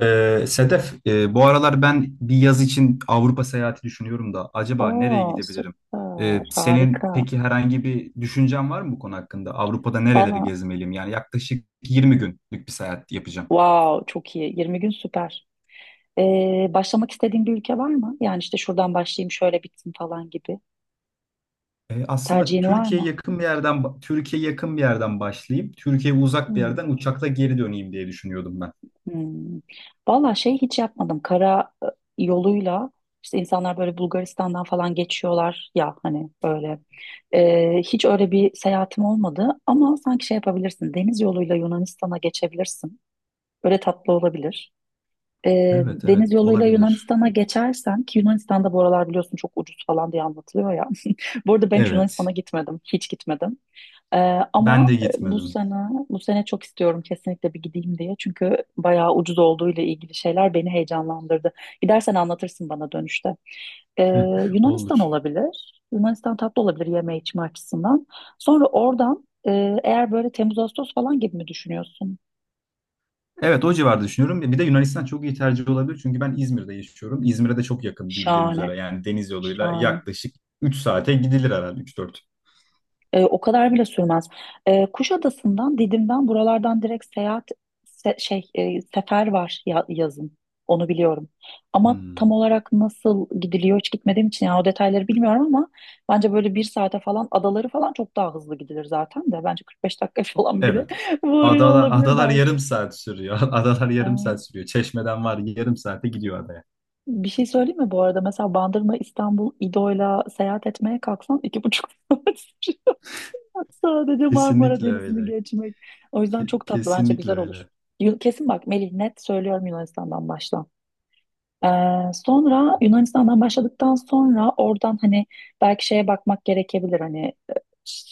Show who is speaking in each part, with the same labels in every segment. Speaker 1: Sedef, bu aralar ben bir yaz için Avrupa seyahati düşünüyorum da acaba nereye
Speaker 2: Oo,
Speaker 1: gidebilirim? Ee,
Speaker 2: süper.
Speaker 1: senin
Speaker 2: Harika.
Speaker 1: peki herhangi bir düşüncen var mı bu konu hakkında? Avrupa'da nereleri
Speaker 2: Valla
Speaker 1: gezmeliyim? Yani yaklaşık 20 günlük bir seyahat yapacağım.
Speaker 2: wow çok iyi. 20 gün süper. Başlamak istediğin bir ülke var mı? Yani işte şuradan başlayayım şöyle bitsin falan gibi.
Speaker 1: Aslında
Speaker 2: Tercihin var
Speaker 1: Türkiye'ye
Speaker 2: mı?
Speaker 1: yakın bir yerden Türkiye yakın bir yerden başlayıp Türkiye'ye uzak bir
Speaker 2: Hmm.
Speaker 1: yerden uçakla geri döneyim diye düşünüyordum ben.
Speaker 2: Hmm. Valla şey hiç yapmadım. Kara yoluyla işte insanlar böyle Bulgaristan'dan falan geçiyorlar ya hani öyle. Hiç öyle bir seyahatim olmadı ama sanki şey yapabilirsin. Deniz yoluyla Yunanistan'a geçebilirsin. Böyle tatlı olabilir.
Speaker 1: Evet,
Speaker 2: Deniz
Speaker 1: evet,
Speaker 2: yoluyla
Speaker 1: olabilir.
Speaker 2: Yunanistan'a geçersen ki Yunanistan'da bu aralar biliyorsun çok ucuz falan diye anlatılıyor ya. Bu arada ben hiç Yunanistan'a
Speaker 1: Evet.
Speaker 2: gitmedim. Hiç gitmedim. E,
Speaker 1: Ben
Speaker 2: ama
Speaker 1: de
Speaker 2: e, bu
Speaker 1: gitmedim.
Speaker 2: sene bu sene çok istiyorum kesinlikle bir gideyim diye. Çünkü bayağı ucuz olduğu ile ilgili şeyler beni heyecanlandırdı. Gidersen anlatırsın bana dönüşte. E, Yunanistan
Speaker 1: Olur.
Speaker 2: olabilir. Yunanistan tatlı olabilir yeme içme açısından. Sonra oradan eğer böyle Temmuz Ağustos falan gibi mi düşünüyorsun?
Speaker 1: Evet, o civarda düşünüyorum. Bir de Yunanistan çok iyi tercih olabilir. Çünkü ben İzmir'de yaşıyorum. İzmir'e de çok yakın bildiğin
Speaker 2: Şahane.
Speaker 1: üzere. Yani deniz yoluyla
Speaker 2: Şahane.
Speaker 1: yaklaşık 3 saate gidilir herhalde, üç dört.
Speaker 2: O kadar bile sürmez. Kuşadası'ndan, Didim'den buralardan direkt seyahat se- şey e, sefer var yazın. Onu biliyorum. Ama tam
Speaker 1: Hmm.
Speaker 2: olarak nasıl gidiliyor hiç gitmediğim için yani o detayları bilmiyorum ama bence böyle bir saate falan adaları falan çok daha hızlı gidilir zaten de. Bence 45 dakika falan bile
Speaker 1: Evet.
Speaker 2: varıyor
Speaker 1: Adalar,
Speaker 2: olabilir
Speaker 1: adalar yarım
Speaker 2: belki.
Speaker 1: saat sürüyor. Adalar
Speaker 2: E,
Speaker 1: yarım saat sürüyor. Çeşmeden var, yarım saate gidiyor adaya.
Speaker 2: Bir şey söyleyeyim mi bu arada? Mesela Bandırma, İstanbul, İdo'yla seyahat etmeye kalksan 2,5 saat. Sadece Marmara
Speaker 1: Kesinlikle
Speaker 2: Denizi'ni
Speaker 1: öyle.
Speaker 2: geçmek. O yüzden
Speaker 1: Ke-
Speaker 2: çok tatlı bence
Speaker 1: kesinlikle
Speaker 2: güzel olur.
Speaker 1: öyle.
Speaker 2: Kesin bak Melih net söylüyorum Yunanistan'dan başla. Ee, Sonra Yunanistan'dan başladıktan sonra oradan hani belki şeye bakmak gerekebilir hani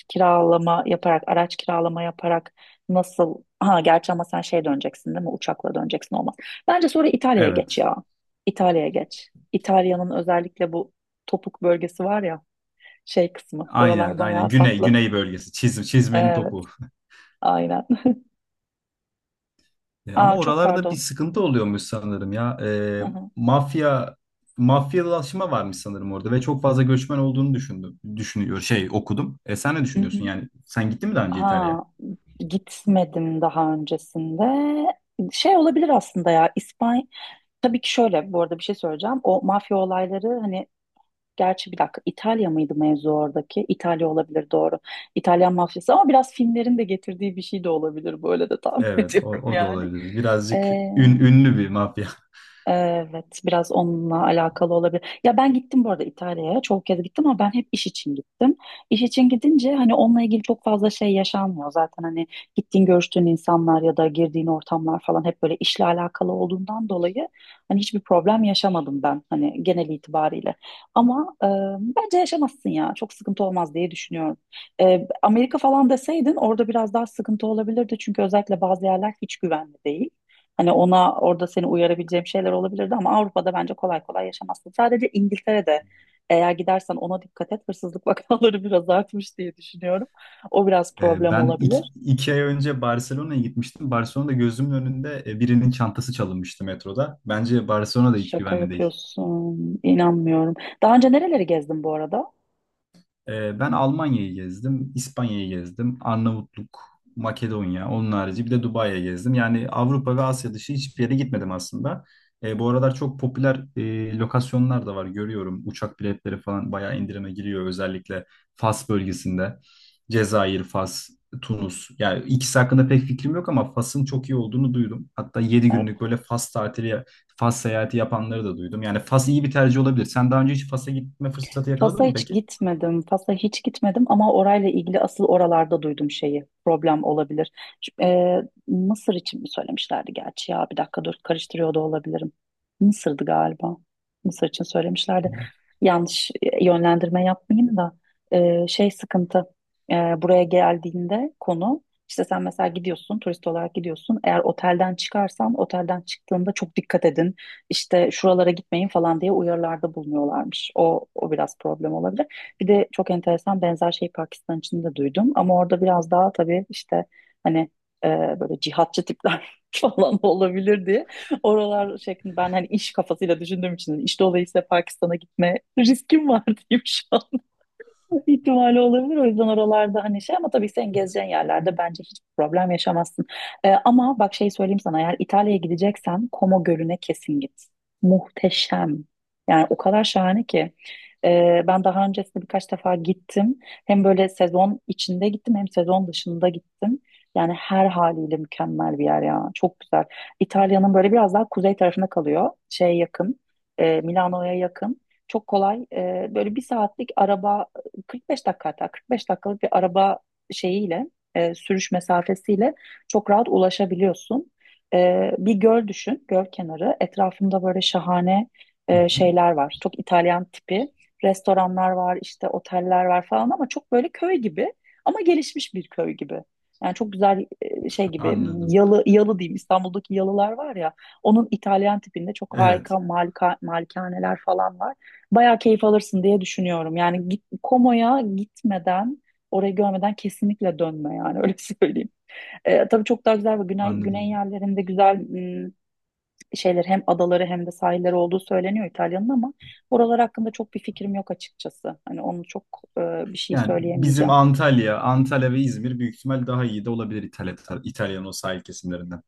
Speaker 2: kiralama yaparak araç kiralama yaparak nasıl ha gerçi ama sen şey döneceksin değil mi uçakla döneceksin olmaz. Bence sonra İtalya'ya geç
Speaker 1: Evet.
Speaker 2: ya. İtalya'ya geç. İtalya'nın özellikle bu topuk bölgesi var ya şey kısmı
Speaker 1: Aynen
Speaker 2: oralar
Speaker 1: aynen.
Speaker 2: bayağı
Speaker 1: Güney,
Speaker 2: tatlı.
Speaker 1: güney bölgesi. Çizmenin
Speaker 2: Evet.
Speaker 1: topu.
Speaker 2: Aynen.
Speaker 1: Ama
Speaker 2: Aa, çok
Speaker 1: oralarda bir
Speaker 2: pardon.
Speaker 1: sıkıntı oluyormuş sanırım ya.
Speaker 2: Hı hı.
Speaker 1: Mafya mafyalaşma varmış sanırım orada ve çok fazla göçmen olduğunu düşündüm. Düşünüyor şey okudum. Sen ne
Speaker 2: Hı
Speaker 1: düşünüyorsun?
Speaker 2: hı.
Speaker 1: Yani sen gittin mi daha önce İtalya'ya?
Speaker 2: Ha, Gitmedim daha öncesinde. Şey olabilir aslında ya İspanya. Tabii ki şöyle bu arada bir şey söyleyeceğim. O mafya olayları hani gerçi bir dakika İtalya mıydı mevzu oradaki? İtalya olabilir doğru. İtalyan mafyası ama biraz filmlerin de getirdiği bir şey de olabilir. Böyle de tahmin
Speaker 1: Evet, o,
Speaker 2: ediyorum
Speaker 1: o da
Speaker 2: yani.
Speaker 1: olabilir. Birazcık ünlü bir mafya.
Speaker 2: Evet, biraz onunla alakalı olabilir. Ya ben gittim bu arada İtalya'ya. Çok kez gittim ama ben hep iş için gittim. İş için gidince hani onunla ilgili çok fazla şey yaşanmıyor. Zaten hani gittiğin görüştüğün insanlar ya da girdiğin ortamlar falan hep böyle işle alakalı olduğundan dolayı hani hiçbir problem yaşamadım ben hani genel itibariyle. Ama e, bence yaşamazsın ya. Çok sıkıntı olmaz diye düşünüyorum. Amerika falan deseydin orada biraz daha sıkıntı olabilirdi. Çünkü özellikle bazı yerler hiç güvenli değil. Hani ona orada seni uyarabileceğim şeyler olabilirdi ama Avrupa'da bence kolay kolay yaşamazsın. Sadece İngiltere'de eğer gidersen ona dikkat et. Hırsızlık vakaları biraz artmış diye düşünüyorum. O biraz
Speaker 1: E,
Speaker 2: problem
Speaker 1: ben iki,
Speaker 2: olabilir.
Speaker 1: iki ay önce Barcelona'ya gitmiştim. Barcelona'da gözümün önünde birinin çantası çalınmıştı metroda. Bence Barcelona da hiç
Speaker 2: Şaka
Speaker 1: güvenli değil.
Speaker 2: yapıyorsun. İnanmıyorum. Daha önce nereleri gezdin bu arada?
Speaker 1: Ben Almanya'yı gezdim, İspanya'yı gezdim, Arnavutluk, Makedonya, onun harici bir de Dubai'ye gezdim. Yani Avrupa ve Asya dışı hiçbir yere gitmedim aslında. Bu aralar çok popüler lokasyonlar da var görüyorum. Uçak biletleri falan bayağı indirime giriyor, özellikle Fas bölgesinde. Cezayir, Fas, Tunus. Yani ikisi hakkında pek fikrim yok ama Fas'ın çok iyi olduğunu duydum. Hatta 7 günlük
Speaker 2: Evet.
Speaker 1: böyle Fas tatili, Fas seyahati yapanları da duydum. Yani Fas iyi bir tercih olabilir. Sen daha önce hiç Fas'a gitme fırsatı
Speaker 2: Fas'a
Speaker 1: yakaladın mı
Speaker 2: hiç
Speaker 1: peki?
Speaker 2: gitmedim. Fas'a hiç gitmedim ama orayla ilgili asıl oralarda duydum şeyi. Problem olabilir. Şu- e, Mısır için mi söylemişlerdi gerçi ya? Bir dakika dur karıştırıyor da olabilirim. Mısır'dı galiba. Mısır için söylemişlerdi. Yanlış yönlendirme yapmayayım da şey sıkıntı. Buraya geldiğinde konu işte sen mesela gidiyorsun turist olarak gidiyorsun. Eğer otelden çıkarsan otelden çıktığında çok dikkat edin işte şuralara gitmeyin falan diye uyarılarda bulunuyorlarmış. O biraz problem olabilir. Bir de çok enteresan benzer şey Pakistan için de duydum. Ama orada biraz daha tabii işte hani e, böyle cihatçı tipler falan olabilir diye. Oralar şeklinde ben hani iş kafasıyla düşündüğüm için iş dolayısıyla Pakistan'a gitme riskim var diyeyim şu an ihtimali olabilir. O yüzden oralarda hani şey ama tabii sen gezeceğin yerlerde bence hiçbir problem yaşamazsın. Ama bak şey söyleyeyim sana eğer İtalya'ya gideceksen Como Gölü'ne kesin git. Muhteşem. Yani o kadar şahane ki. Ben daha öncesinde birkaç defa gittim. Hem böyle sezon içinde gittim hem sezon dışında gittim. Yani her haliyle mükemmel bir yer ya. Çok güzel. İtalya'nın böyle biraz daha kuzey tarafına kalıyor. Şeye yakın. Milano'ya yakın. Çok kolay. Böyle bir saatlik araba 45 dakika hatta 45 dakikalık bir araba şeyiyle sürüş mesafesiyle çok rahat ulaşabiliyorsun. Bir göl düşün, göl kenarı. Etrafında böyle şahane
Speaker 1: Hı hı,
Speaker 2: şeyler var. Çok İtalyan tipi restoranlar var, işte oteller var falan ama çok böyle köy gibi ama gelişmiş bir köy gibi. Yani çok güzel şey gibi
Speaker 1: anladım.
Speaker 2: yalı diyeyim İstanbul'daki yalılar var ya onun İtalyan tipinde çok
Speaker 1: Evet,
Speaker 2: harika malikaneler falan var bayağı keyif alırsın diye düşünüyorum. Yani git, Komo'ya gitmeden, orayı görmeden kesinlikle dönme yani öyle söyleyeyim. Tabii çok daha güzel ve güney
Speaker 1: anladım.
Speaker 2: yerlerinde güzel şeyler hem adaları hem de sahilleri olduğu söyleniyor İtalya'nın ama oralar hakkında çok bir fikrim yok açıkçası. Hani onu çok e, bir şey
Speaker 1: Yani bizim
Speaker 2: söyleyemeyeceğim.
Speaker 1: Antalya, Antalya ve İzmir büyük ihtimal daha iyi de olabilir İtalyan o sahil kesimlerinden.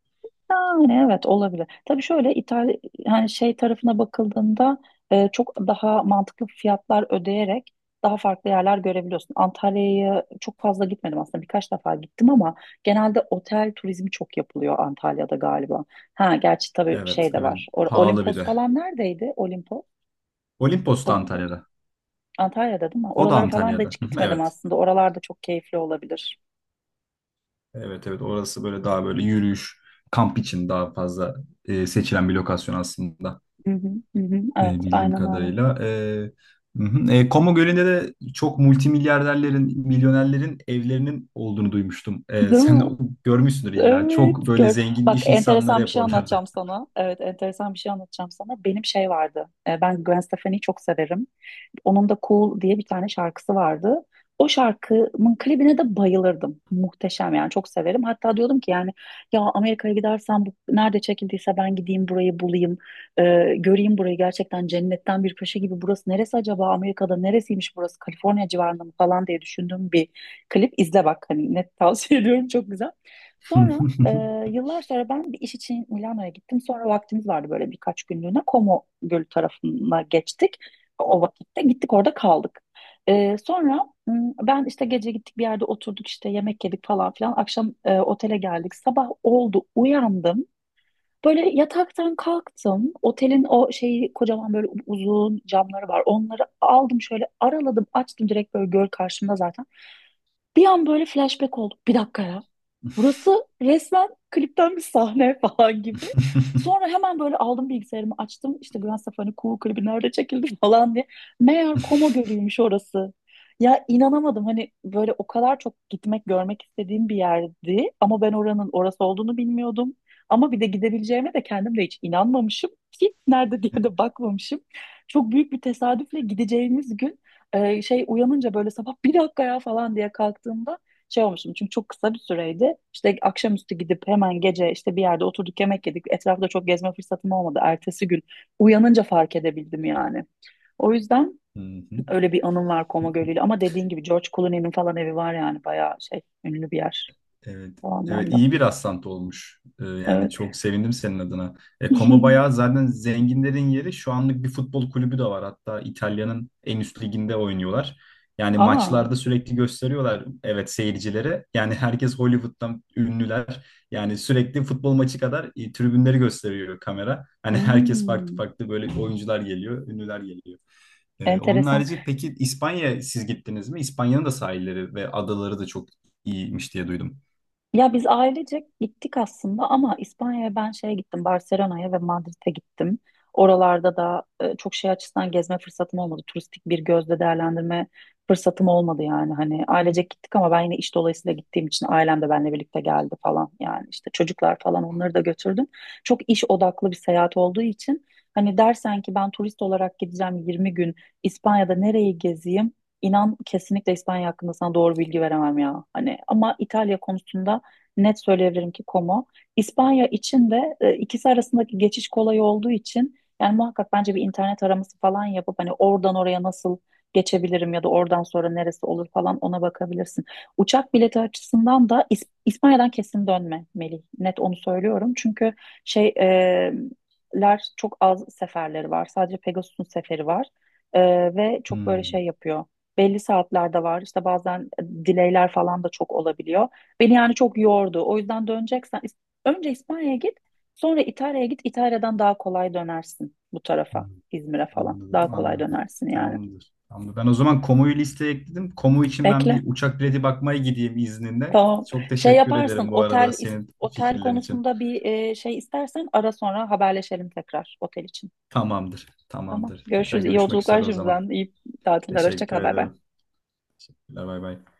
Speaker 2: Yani evet olabilir. Tabii şöyle İtalya hani şey tarafına bakıldığında çok daha mantıklı fiyatlar ödeyerek daha farklı yerler görebiliyorsun. Antalya'ya çok fazla gitmedim aslında birkaç defa gittim ama genelde otel turizmi çok yapılıyor Antalya'da galiba. Ha gerçi tabii
Speaker 1: Evet,
Speaker 2: şey de
Speaker 1: evet.
Speaker 2: var.
Speaker 1: Pahalı bir
Speaker 2: Olimpos
Speaker 1: de.
Speaker 2: falan neredeydi? Olimpos?
Speaker 1: Olimpos da
Speaker 2: Olimpos?
Speaker 1: Antalya'da.
Speaker 2: Antalya'da değil mi?
Speaker 1: O da
Speaker 2: Oralara falan da
Speaker 1: Antalya'da.
Speaker 2: hiç
Speaker 1: Hı hı,
Speaker 2: gitmedim
Speaker 1: evet.
Speaker 2: aslında. Oralar da çok keyifli olabilir.
Speaker 1: Evet, evet. Orası böyle daha böyle yürüyüş, kamp için daha fazla seçilen bir lokasyon aslında.
Speaker 2: Hı hı, hı hı.
Speaker 1: E,
Speaker 2: Evet
Speaker 1: bildiğim
Speaker 2: aynen öyle.
Speaker 1: kadarıyla. Hı hı. Como Gölü'nde de çok multimilyarderlerin, milyonerlerin evlerinin olduğunu duymuştum.
Speaker 2: Değil
Speaker 1: Sen de
Speaker 2: mi?
Speaker 1: görmüşsündür illa.
Speaker 2: Evet,
Speaker 1: Çok böyle
Speaker 2: gör.
Speaker 1: zengin
Speaker 2: Bak
Speaker 1: iş insanları
Speaker 2: enteresan bir
Speaker 1: hep
Speaker 2: şey
Speaker 1: oralarda.
Speaker 2: anlatacağım sana. Evet, enteresan bir şey anlatacağım sana. Benim şey vardı. Ben Gwen Stefani'yi çok severim. Onun da Cool diye bir tane şarkısı vardı. O şarkımın klibine de bayılırdım. Muhteşem yani çok severim. Hatta diyordum ki yani ya Amerika'ya gidersem bu nerede çekildiyse ben gideyim burayı bulayım. Göreyim burayı gerçekten cennetten bir köşe gibi. Burası neresi acaba Amerika'da neresiymiş burası Kaliforniya civarında mı falan diye düşündüğüm bir klip. İzle bak hani net tavsiye ediyorum çok güzel. Sonra yıllar sonra ben bir iş için Milano'ya gittim. Sonra vaktimiz vardı böyle birkaç günlüğüne. Como Gölü tarafına geçtik. O vakitte gittik orada kaldık. Sonra ben işte gece gittik bir yerde oturduk işte yemek yedik falan filan. Akşam otele geldik. Sabah oldu uyandım. Böyle yataktan kalktım. Otelin o şeyi kocaman böyle uzun camları var. Onları aldım şöyle araladım açtım direkt böyle göl karşımda zaten. Bir an böyle flashback oldu. Bir dakika ya. Burası resmen klipten bir sahne falan gibi. Sonra hemen böyle aldım bilgisayarımı açtım. İşte Gwen Stefani Cool klibi nerede çekildi falan diye. Meğer Koma Gölü'ymüş orası. Ya inanamadım hani böyle o kadar çok gitmek görmek istediğim bir yerdi. Ama ben oranın orası olduğunu bilmiyordum. Ama bir de gidebileceğime de kendim de hiç inanmamışım ki nerede diye de bakmamışım. Çok büyük bir tesadüfle gideceğimiz gün şey uyanınca böyle sabah bir dakika ya falan diye kalktığımda şey olmuştum. Çünkü çok kısa bir süreydi. İşte akşamüstü gidip hemen gece işte bir yerde oturduk yemek yedik. Etrafta çok gezme fırsatım olmadı. Ertesi gün uyanınca fark edebildim yani. O yüzden
Speaker 1: Hı hı.
Speaker 2: öyle bir anım var Koma Gölü'yle. Ama dediğin gibi George Clooney'nin falan evi var yani bayağı şey ünlü bir yer
Speaker 1: Evet.
Speaker 2: o
Speaker 1: Evet,
Speaker 2: anlamda.
Speaker 1: iyi bir rastlantı olmuş. Yani
Speaker 2: Evet.
Speaker 1: çok sevindim senin adına. Como bayağı zaten zenginlerin yeri. Şu anlık bir futbol kulübü de var. Hatta İtalya'nın en üst liginde oynuyorlar. Yani
Speaker 2: Aa,
Speaker 1: maçlarda sürekli gösteriyorlar, evet, seyircilere. Yani herkes Hollywood'dan ünlüler. Yani sürekli futbol maçı kadar tribünleri gösteriyor kamera. Hani herkes farklı
Speaker 2: hmm,
Speaker 1: farklı böyle oyuncular geliyor, ünlüler geliyor. Onun
Speaker 2: enteresan.
Speaker 1: harici peki İspanya siz gittiniz mi? İspanya'nın da sahilleri ve adaları da çok iyiymiş diye duydum.
Speaker 2: Ya biz ailecek gittik aslında ama İspanya'ya ben şeye gittim, Barcelona'ya ve Madrid'e gittim. Oralarda da çok şey açısından gezme fırsatım olmadı. Turistik bir gözle değerlendirme fırsatım olmadı yani. Hani ailecek gittik ama ben yine iş dolayısıyla gittiğim için ailem de benimle birlikte geldi falan. Yani işte çocuklar falan onları da götürdüm. Çok iş odaklı bir seyahat olduğu için hani dersen ki ben turist olarak gideceğim 20 gün İspanya'da nereyi gezeyim? İnan kesinlikle İspanya hakkında sana doğru bilgi veremem ya. Hani ama İtalya konusunda net söyleyebilirim ki Como. İspanya için de ikisi arasındaki geçiş kolay olduğu için yani muhakkak bence bir internet araması falan yapıp hani oradan oraya nasıl geçebilirim ya da oradan sonra neresi olur falan ona bakabilirsin. Uçak bileti açısından da İspanya'dan kesin dönme Melih. Net onu söylüyorum. Çünkü şey e, ler çok az seferleri var. Sadece Pegasus'un seferi var. E, Ve çok böyle
Speaker 1: Hmm,
Speaker 2: şey yapıyor. Belli saatlerde var. İşte bazen delay'ler falan da çok olabiliyor. Beni yani çok yordu. O yüzden döneceksen önce İspanya'ya git, sonra İtalya'ya git. İtalya'dan daha kolay dönersin bu
Speaker 1: hmm.
Speaker 2: tarafa, İzmir'e falan. Daha
Speaker 1: Anladım,
Speaker 2: kolay
Speaker 1: anladım.
Speaker 2: dönersin yani.
Speaker 1: Tamamdır. Tamamdır. Ben o zaman Komu'yu listeye ekledim. Komu için ben
Speaker 2: Bekle.
Speaker 1: bir uçak bileti bakmaya gideyim izninle.
Speaker 2: Tamam.
Speaker 1: Çok
Speaker 2: Şey
Speaker 1: teşekkür
Speaker 2: yaparsın.
Speaker 1: ederim bu arada
Speaker 2: Otel
Speaker 1: senin
Speaker 2: otel
Speaker 1: fikirlerin için.
Speaker 2: konusunda bir şey istersen ara sonra haberleşelim tekrar otel için.
Speaker 1: Tamamdır,
Speaker 2: Tamam.
Speaker 1: tamamdır. Tekrar
Speaker 2: Görüşürüz. İyi
Speaker 1: görüşmek
Speaker 2: yolculuklar
Speaker 1: üzere o zaman.
Speaker 2: şimdiden. İyi tatiller. Hoşça
Speaker 1: Teşekkür
Speaker 2: kal. Bay bay.
Speaker 1: ederim. Teşekkürler, bay bay.